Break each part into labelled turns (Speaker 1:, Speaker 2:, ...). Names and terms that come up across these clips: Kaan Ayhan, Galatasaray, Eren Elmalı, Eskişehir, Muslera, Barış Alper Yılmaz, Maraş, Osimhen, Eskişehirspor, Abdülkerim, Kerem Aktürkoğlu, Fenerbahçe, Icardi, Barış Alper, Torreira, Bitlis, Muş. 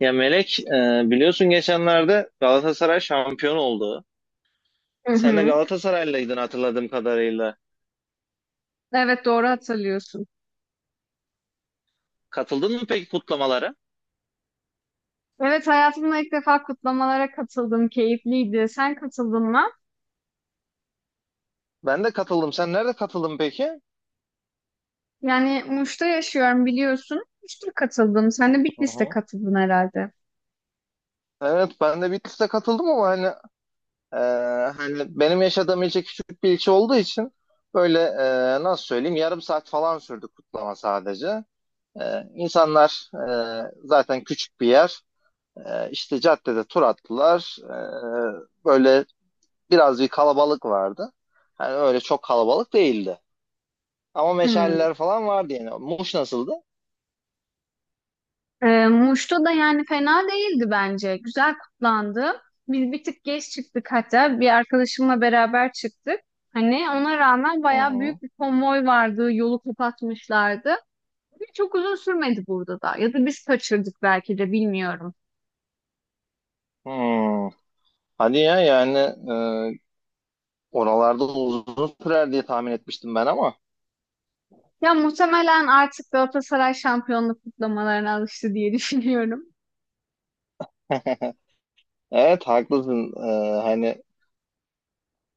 Speaker 1: Ya Melek, biliyorsun geçenlerde Galatasaray şampiyon oldu.
Speaker 2: Hı
Speaker 1: Sen de
Speaker 2: hı.
Speaker 1: Galatasaraylıydın hatırladığım kadarıyla.
Speaker 2: Evet doğru hatırlıyorsun.
Speaker 1: Katıldın mı peki kutlamalara?
Speaker 2: Evet hayatımda ilk defa kutlamalara katıldım. Keyifliydi. Sen katıldın mı?
Speaker 1: Ben de katıldım. Sen nerede katıldın peki?
Speaker 2: Yani Muş'ta yaşıyorum biliyorsun. Muş'ta katıldım. Sen de
Speaker 1: Hı
Speaker 2: Bitlis'te
Speaker 1: hı.
Speaker 2: katıldın herhalde.
Speaker 1: Evet, ben de Bitlis'te katıldım ama hani e, hani benim yaşadığım ilçe küçük bir ilçe olduğu için böyle nasıl söyleyeyim yarım saat falan sürdü kutlama sadece. E, insanlar zaten küçük bir yer. E, işte caddede tur attılar. Böyle biraz bir kalabalık vardı. Hani öyle çok kalabalık değildi. Ama
Speaker 2: Hmm.
Speaker 1: meşaleler falan vardı yani. Muş nasıldı?
Speaker 2: Muş'ta da yani fena değildi bence. Güzel kutlandı. Biz bir tık geç çıktık hatta. Bir arkadaşımla beraber çıktık. Hani ona rağmen
Speaker 1: Hı
Speaker 2: bayağı
Speaker 1: hı.
Speaker 2: büyük bir konvoy vardı. Yolu kapatmışlardı. Çok uzun sürmedi burada da. Ya da biz kaçırdık belki de bilmiyorum.
Speaker 1: Hmm. Hadi ya yani e, oralarda uzun sürer diye tahmin etmiştim ben ama.
Speaker 2: Ya muhtemelen artık Galatasaray şampiyonluk kutlamalarına alıştı diye düşünüyorum.
Speaker 1: Evet, haklısın. Hani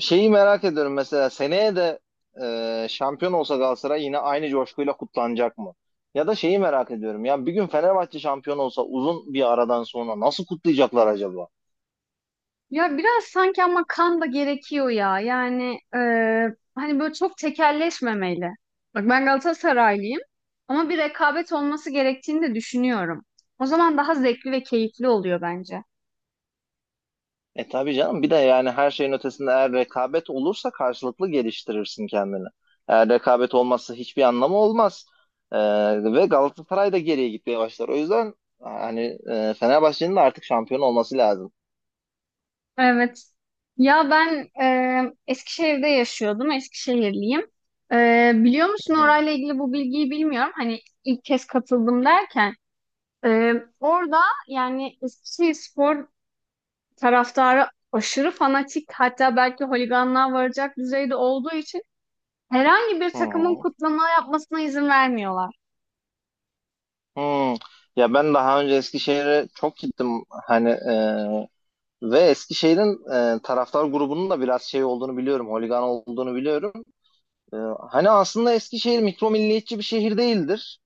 Speaker 1: şeyi merak ediyorum, mesela seneye de şampiyon olsa Galatasaray yine aynı coşkuyla kutlanacak mı? Ya da şeyi merak ediyorum. Ya bir gün Fenerbahçe şampiyon olsa uzun bir aradan sonra nasıl kutlayacaklar acaba?
Speaker 2: Ya biraz sanki ama kan da gerekiyor ya. Hani böyle çok tekelleşmemeli. Bak ben Galatasaraylıyım ama bir rekabet olması gerektiğini de düşünüyorum. O zaman daha zevkli ve keyifli oluyor bence.
Speaker 1: Tabii canım, bir de yani her şeyin ötesinde eğer rekabet olursa karşılıklı geliştirirsin kendini. Eğer rekabet olmazsa hiçbir anlamı olmaz. E, ve Galatasaray da geriye gitmeye başlar. O yüzden hani Fenerbahçe'nin de artık şampiyon olması lazım.
Speaker 2: Evet. Ya ben Eskişehir'de yaşıyordum. Eskişehirliyim. E, biliyor musun
Speaker 1: Hı.
Speaker 2: orayla ilgili bu bilgiyi bilmiyorum. Hani ilk kez katıldım derken. Ee, Orada yani Eskişehirspor taraftarı aşırı fanatik hatta belki holiganlığa varacak düzeyde olduğu için herhangi bir
Speaker 1: Hı
Speaker 2: takımın
Speaker 1: hı.
Speaker 2: kutlama yapmasına izin vermiyorlar.
Speaker 1: Hı. Hı. Ya ben daha önce Eskişehir'e çok gittim, hani ve Eskişehir'in taraftar grubunun da biraz şey olduğunu biliyorum, holigan olduğunu biliyorum. E, hani aslında Eskişehir mikro milliyetçi bir şehir değildir.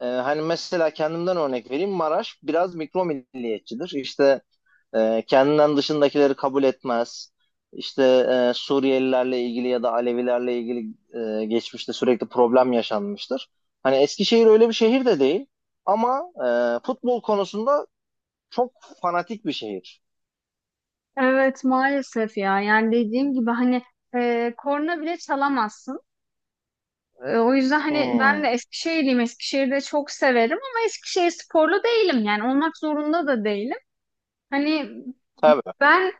Speaker 1: Hani mesela kendimden örnek vereyim. Maraş biraz mikro milliyetçidir. İşte kendinden dışındakileri kabul etmez. İşte Suriyelilerle ilgili ya da Alevilerle ilgili geçmişte sürekli problem yaşanmıştır. Hani Eskişehir öyle bir şehir de değil. Ama futbol konusunda çok fanatik bir şehir.
Speaker 2: Evet maalesef ya yani dediğim gibi hani korna bile çalamazsın. E, o yüzden hani ben
Speaker 1: Hmm,
Speaker 2: de Eskişehirliyim Eskişehir'i de çok severim ama eskişehir sporlu değilim yani olmak zorunda da değilim. Hani
Speaker 1: tabii.
Speaker 2: ben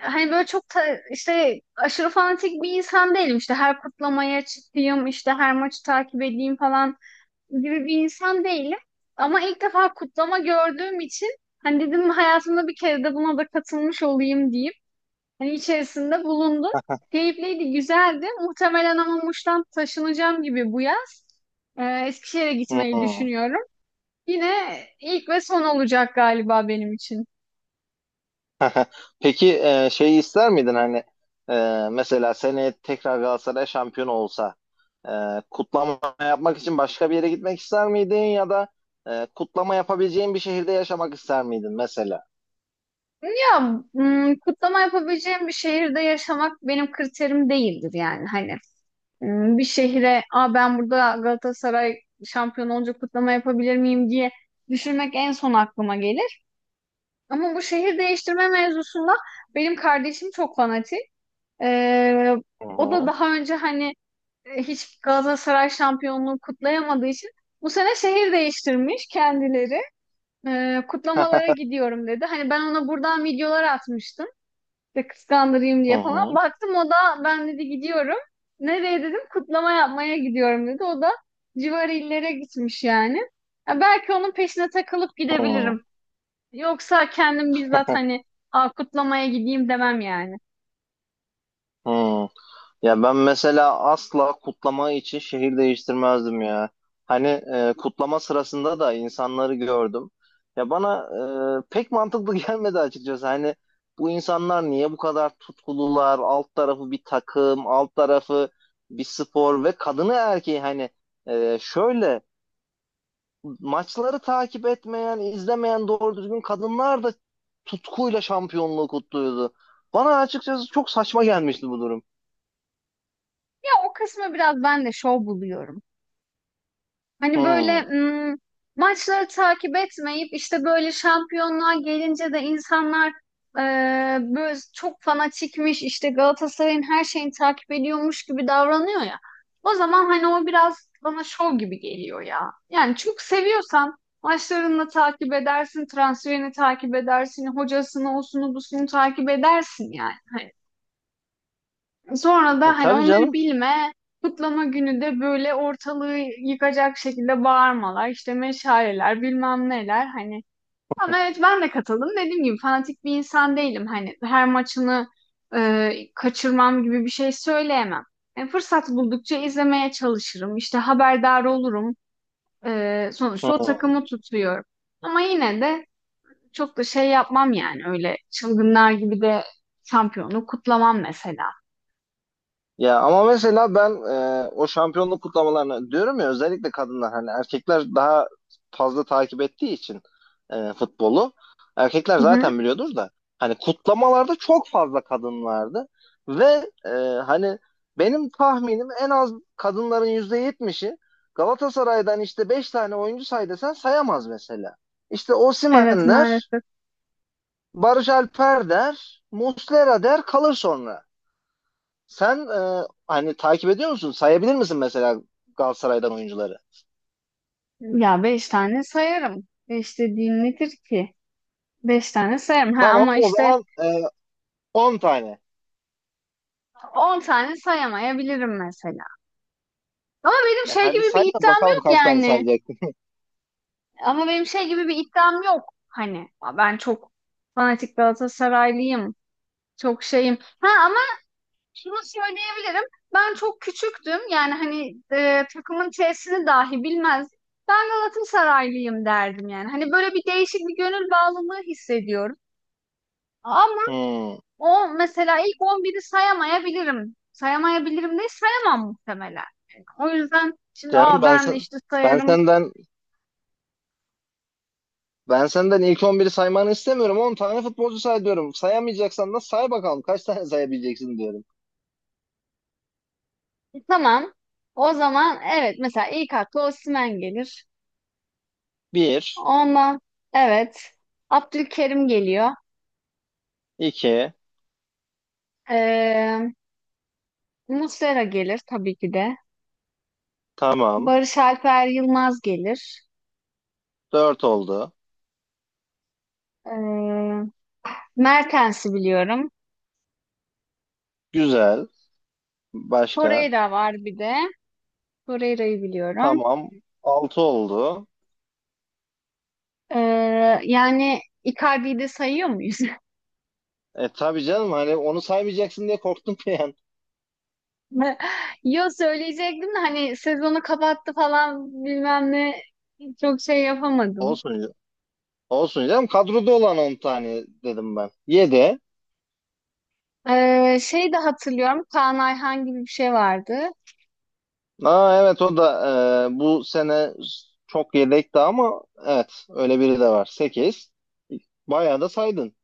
Speaker 2: Hani böyle işte aşırı fanatik bir insan değilim. İşte her kutlamaya çıkayım, işte her maçı takip edeyim falan gibi bir insan değilim. Ama ilk defa kutlama gördüğüm için hani dedim hayatımda bir kere de buna da katılmış olayım diyeyim. Hani içerisinde bulundum. Keyifliydi, güzeldi. Muhtemelen ama Muş'tan taşınacağım gibi bu yaz. Eskişehir'e gitmeyi
Speaker 1: Hmm.
Speaker 2: düşünüyorum. Yine ilk ve son olacak galiba benim için.
Speaker 1: Peki, şeyi ister miydin, hani mesela seneye tekrar Galatasaray şampiyon olsa e, kutlama yapmak için başka bir yere gitmek ister miydin ya da kutlama yapabileceğin bir şehirde yaşamak ister miydin mesela?
Speaker 2: Ya kutlama yapabileceğim bir şehirde yaşamak benim kriterim değildir yani hani. Hmm, bir şehre Aa, ben burada Galatasaray şampiyon olunca kutlama yapabilir miyim diye düşünmek en son aklıma gelir. Ama bu şehir değiştirme mevzusunda benim kardeşim çok fanatik. Ee,
Speaker 1: Hı
Speaker 2: O da
Speaker 1: hı.
Speaker 2: daha önce hani hiç Galatasaray şampiyonluğu kutlayamadığı için bu sene şehir değiştirmiş kendileri. Kutlamalara gidiyorum dedi. Hani ben ona buradan videolar atmıştım. İşte kıskandırayım
Speaker 1: Hı
Speaker 2: diye falan.
Speaker 1: hı.
Speaker 2: Baktım o da ben dedi gidiyorum. Nereye dedim kutlama yapmaya gidiyorum dedi. O da civar illere gitmiş yani. Ya belki onun peşine takılıp
Speaker 1: Hı
Speaker 2: gidebilirim. Yoksa kendim bizzat
Speaker 1: hı.
Speaker 2: hani "Aa, kutlamaya gideyim" demem yani.
Speaker 1: Hı. Ya ben mesela asla kutlama için şehir değiştirmezdim ya. Hani kutlama sırasında da insanları gördüm. Ya bana pek mantıklı gelmedi açıkçası. Hani bu insanlar niye bu kadar tutkulular? Alt tarafı bir takım, alt tarafı bir spor, ve kadını erkeği hani şöyle maçları takip etmeyen, izlemeyen doğru düzgün kadınlar da tutkuyla şampiyonluğu kutluyordu. Bana açıkçası çok saçma gelmişti bu durum.
Speaker 2: Ya o kısmı biraz ben de şov buluyorum. Hani böyle
Speaker 1: Hmm.
Speaker 2: maçları takip etmeyip işte böyle şampiyonluğa gelince de insanlar e, böyle çok fanatikmiş işte Galatasaray'ın her şeyini takip ediyormuş gibi davranıyor ya. O zaman hani o biraz bana şov gibi geliyor ya. Yani çok seviyorsan maçlarını takip edersin, transferini takip edersin, hocasını, osunu, busunu takip edersin yani. Sonra da
Speaker 1: E,
Speaker 2: hani
Speaker 1: tabii
Speaker 2: onları
Speaker 1: canım.
Speaker 2: bilme, kutlama günü de böyle ortalığı yıkacak şekilde bağırmalar, işte meşaleler, bilmem neler hani. Ama evet ben de katıldım. Dediğim gibi fanatik bir insan değilim. Hani her maçını kaçırmam gibi bir şey söyleyemem. Yani fırsat buldukça izlemeye çalışırım. İşte haberdar olurum. E, sonuçta o
Speaker 1: Hmm.
Speaker 2: takımı tutuyorum. Ama yine de çok da şey yapmam yani öyle çılgınlar gibi de şampiyonluğu kutlamam mesela.
Speaker 1: Ya ama mesela ben o şampiyonluk kutlamalarına diyorum ya, özellikle kadınlar hani erkekler daha fazla takip ettiği için futbolu erkekler
Speaker 2: Hı hı.
Speaker 1: zaten biliyordur da, hani kutlamalarda çok fazla kadın vardı ve hani benim tahminim en az kadınların %70'i Galatasaray'dan işte 5 tane oyuncu say desen sayamaz mesela. İşte
Speaker 2: Evet
Speaker 1: Osimhen der,
Speaker 2: maalesef.
Speaker 1: Barış Alper der, Muslera der kalır sonra. Sen hani takip ediyor musun? Sayabilir misin mesela Galatasaray'dan oyuncuları?
Speaker 2: Ya beş tane sayarım. Beş dediğin nedir ki? Beş tane sayarım. Ha,
Speaker 1: Tamam,
Speaker 2: ama
Speaker 1: o
Speaker 2: işte
Speaker 1: zaman 10 tane.
Speaker 2: on tane sayamayabilirim mesela. Ama benim
Speaker 1: E,
Speaker 2: şey
Speaker 1: hadi
Speaker 2: gibi
Speaker 1: say
Speaker 2: bir
Speaker 1: da
Speaker 2: iddiam
Speaker 1: bakalım
Speaker 2: yok
Speaker 1: kaç tane
Speaker 2: yani.
Speaker 1: sayacaksın.
Speaker 2: Ama benim şey gibi bir iddiam yok. Hani ben çok fanatik Galatasaraylıyım. Çok şeyim. Ha ama şunu söyleyebilirim. Ben çok küçüktüm. Yani hani takımın T'sini dahi bilmezdim. Ben Galatasaraylıyım derdim yani. Hani böyle bir değişik bir gönül bağlılığı hissediyorum. Ama
Speaker 1: Hmm.
Speaker 2: O mesela ilk on biri sayamayabilirim. Sayamayabilirim değil, sayamam muhtemelen. Yani o yüzden şimdi
Speaker 1: Canım,
Speaker 2: aa ben de işte
Speaker 1: ben
Speaker 2: sayarım.
Speaker 1: senden ben senden ilk 11'i saymanı istemiyorum. 10 tane futbolcu say diyorum. Sayamayacaksan da say bakalım kaç tane sayabileceksin diyorum.
Speaker 2: Tamam. O zaman evet mesela ilk akla Osimhen gelir.
Speaker 1: Bir,
Speaker 2: Ondan evet Abdülkerim geliyor.
Speaker 1: iki,
Speaker 2: Ee, Muslera gelir tabii ki de.
Speaker 1: tamam,
Speaker 2: Barış Alper Yılmaz gelir.
Speaker 1: dört oldu.
Speaker 2: Ee, Mertens'i biliyorum.
Speaker 1: Güzel. Başka?
Speaker 2: Torreira var bir de. Torreira'yı biliyorum.
Speaker 1: Tamam, 6 oldu.
Speaker 2: Ee, Yani Icardi'yi de sayıyor muyuz?
Speaker 1: Tabii canım, hani onu saymayacaksın diye korktum bir an.
Speaker 2: Yo söyleyecektim de hani sezonu kapattı falan bilmem ne çok şey yapamadım.
Speaker 1: Olsun, olsun canım, kadroda olan 10 tane dedim ben. Yedi.
Speaker 2: Şey de hatırlıyorum Kaan Ayhan gibi bir şey vardı.
Speaker 1: Aa, evet, o da bu sene çok yedekti ama evet öyle biri de var. Sekiz. Bayağı da saydın.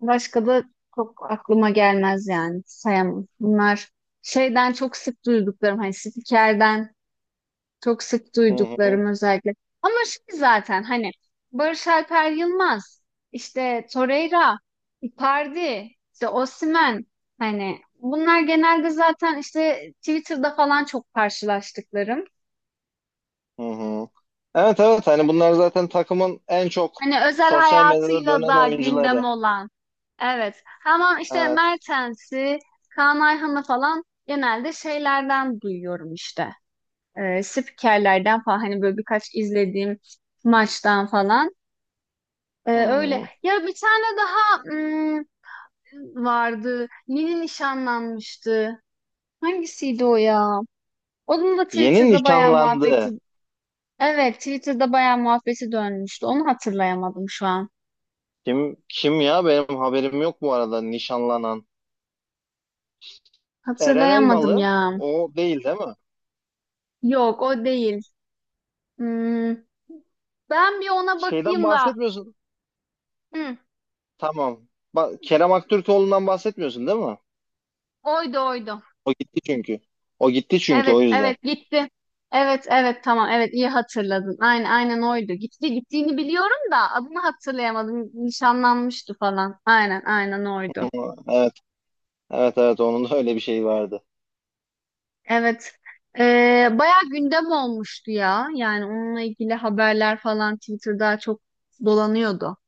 Speaker 2: Başka da çok aklıma gelmez yani sayamam. Bunlar şeyden çok sık duyduklarım hani spikerden. Çok sık
Speaker 1: Hı hı,
Speaker 2: duyduklarım özellikle. Ama şey zaten hani Barış Alper Yılmaz, işte Torreira, Icardi, işte Osimhen hani bunlar genelde zaten işte Twitter'da falan çok karşılaştıklarım.
Speaker 1: hı hı. Evet, evet, hani bunlar zaten takımın en çok
Speaker 2: Hani özel
Speaker 1: sosyal medyada
Speaker 2: hayatıyla
Speaker 1: dönen
Speaker 2: da gündem
Speaker 1: oyuncuları.
Speaker 2: olan. Evet. Ama işte
Speaker 1: Evet.
Speaker 2: Mertens'i, Kaan Ayhan'ı falan genelde şeylerden duyuyorum işte. Spikerlerden falan hani böyle birkaç izlediğim maçtan falan.
Speaker 1: Hı
Speaker 2: Öyle.
Speaker 1: hı.
Speaker 2: Ya bir tane daha vardı. Yeni nişanlanmıştı. Hangisiydi o ya? Onun da
Speaker 1: Yeni
Speaker 2: Twitter'da bayağı muhabbeti.
Speaker 1: nişanlandı.
Speaker 2: Evet, Twitter'da bayağı muhabbeti dönmüştü. Onu hatırlayamadım şu an.
Speaker 1: Kim kim ya, benim haberim yok bu arada nişanlanan. Eren
Speaker 2: Hatırlayamadım
Speaker 1: Elmalı,
Speaker 2: ya.
Speaker 1: o değil, değil mi?
Speaker 2: Yok, o değil. Hmm, Ben bir ona
Speaker 1: Şeyden
Speaker 2: bakayım da.
Speaker 1: bahsetmiyorsun.
Speaker 2: Hı,
Speaker 1: Tamam. Bak, Kerem Aktürkoğlu'ndan bahsetmiyorsun değil mi?
Speaker 2: oydu oydu.
Speaker 1: O gitti çünkü. O gitti çünkü, o
Speaker 2: Evet,
Speaker 1: yüzden.
Speaker 2: evet gitti. Evet, evet tamam. Evet iyi hatırladın. Aynen, aynen oydu. Gitti, gittiğini biliyorum da adını hatırlayamadım. Nişanlanmıştı falan. Aynen, aynen oydu.
Speaker 1: Evet, evet, evet. Onun da öyle bir şeyi vardı.
Speaker 2: Evet. Bayağı gündem olmuştu ya. Yani onunla ilgili haberler falan Twitter'da çok dolanıyordu.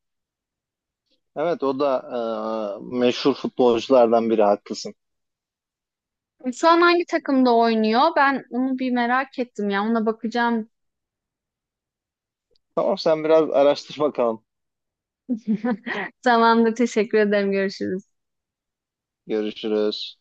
Speaker 1: Evet, o da meşhur futbolculardan biri. Haklısın.
Speaker 2: Şu an hangi takımda oynuyor? Ben onu bir merak ettim ya. Ona bakacağım.
Speaker 1: Tamam, sen biraz araştır bakalım.
Speaker 2: Tamamdır. Teşekkür ederim. Görüşürüz.
Speaker 1: Görüşürüz.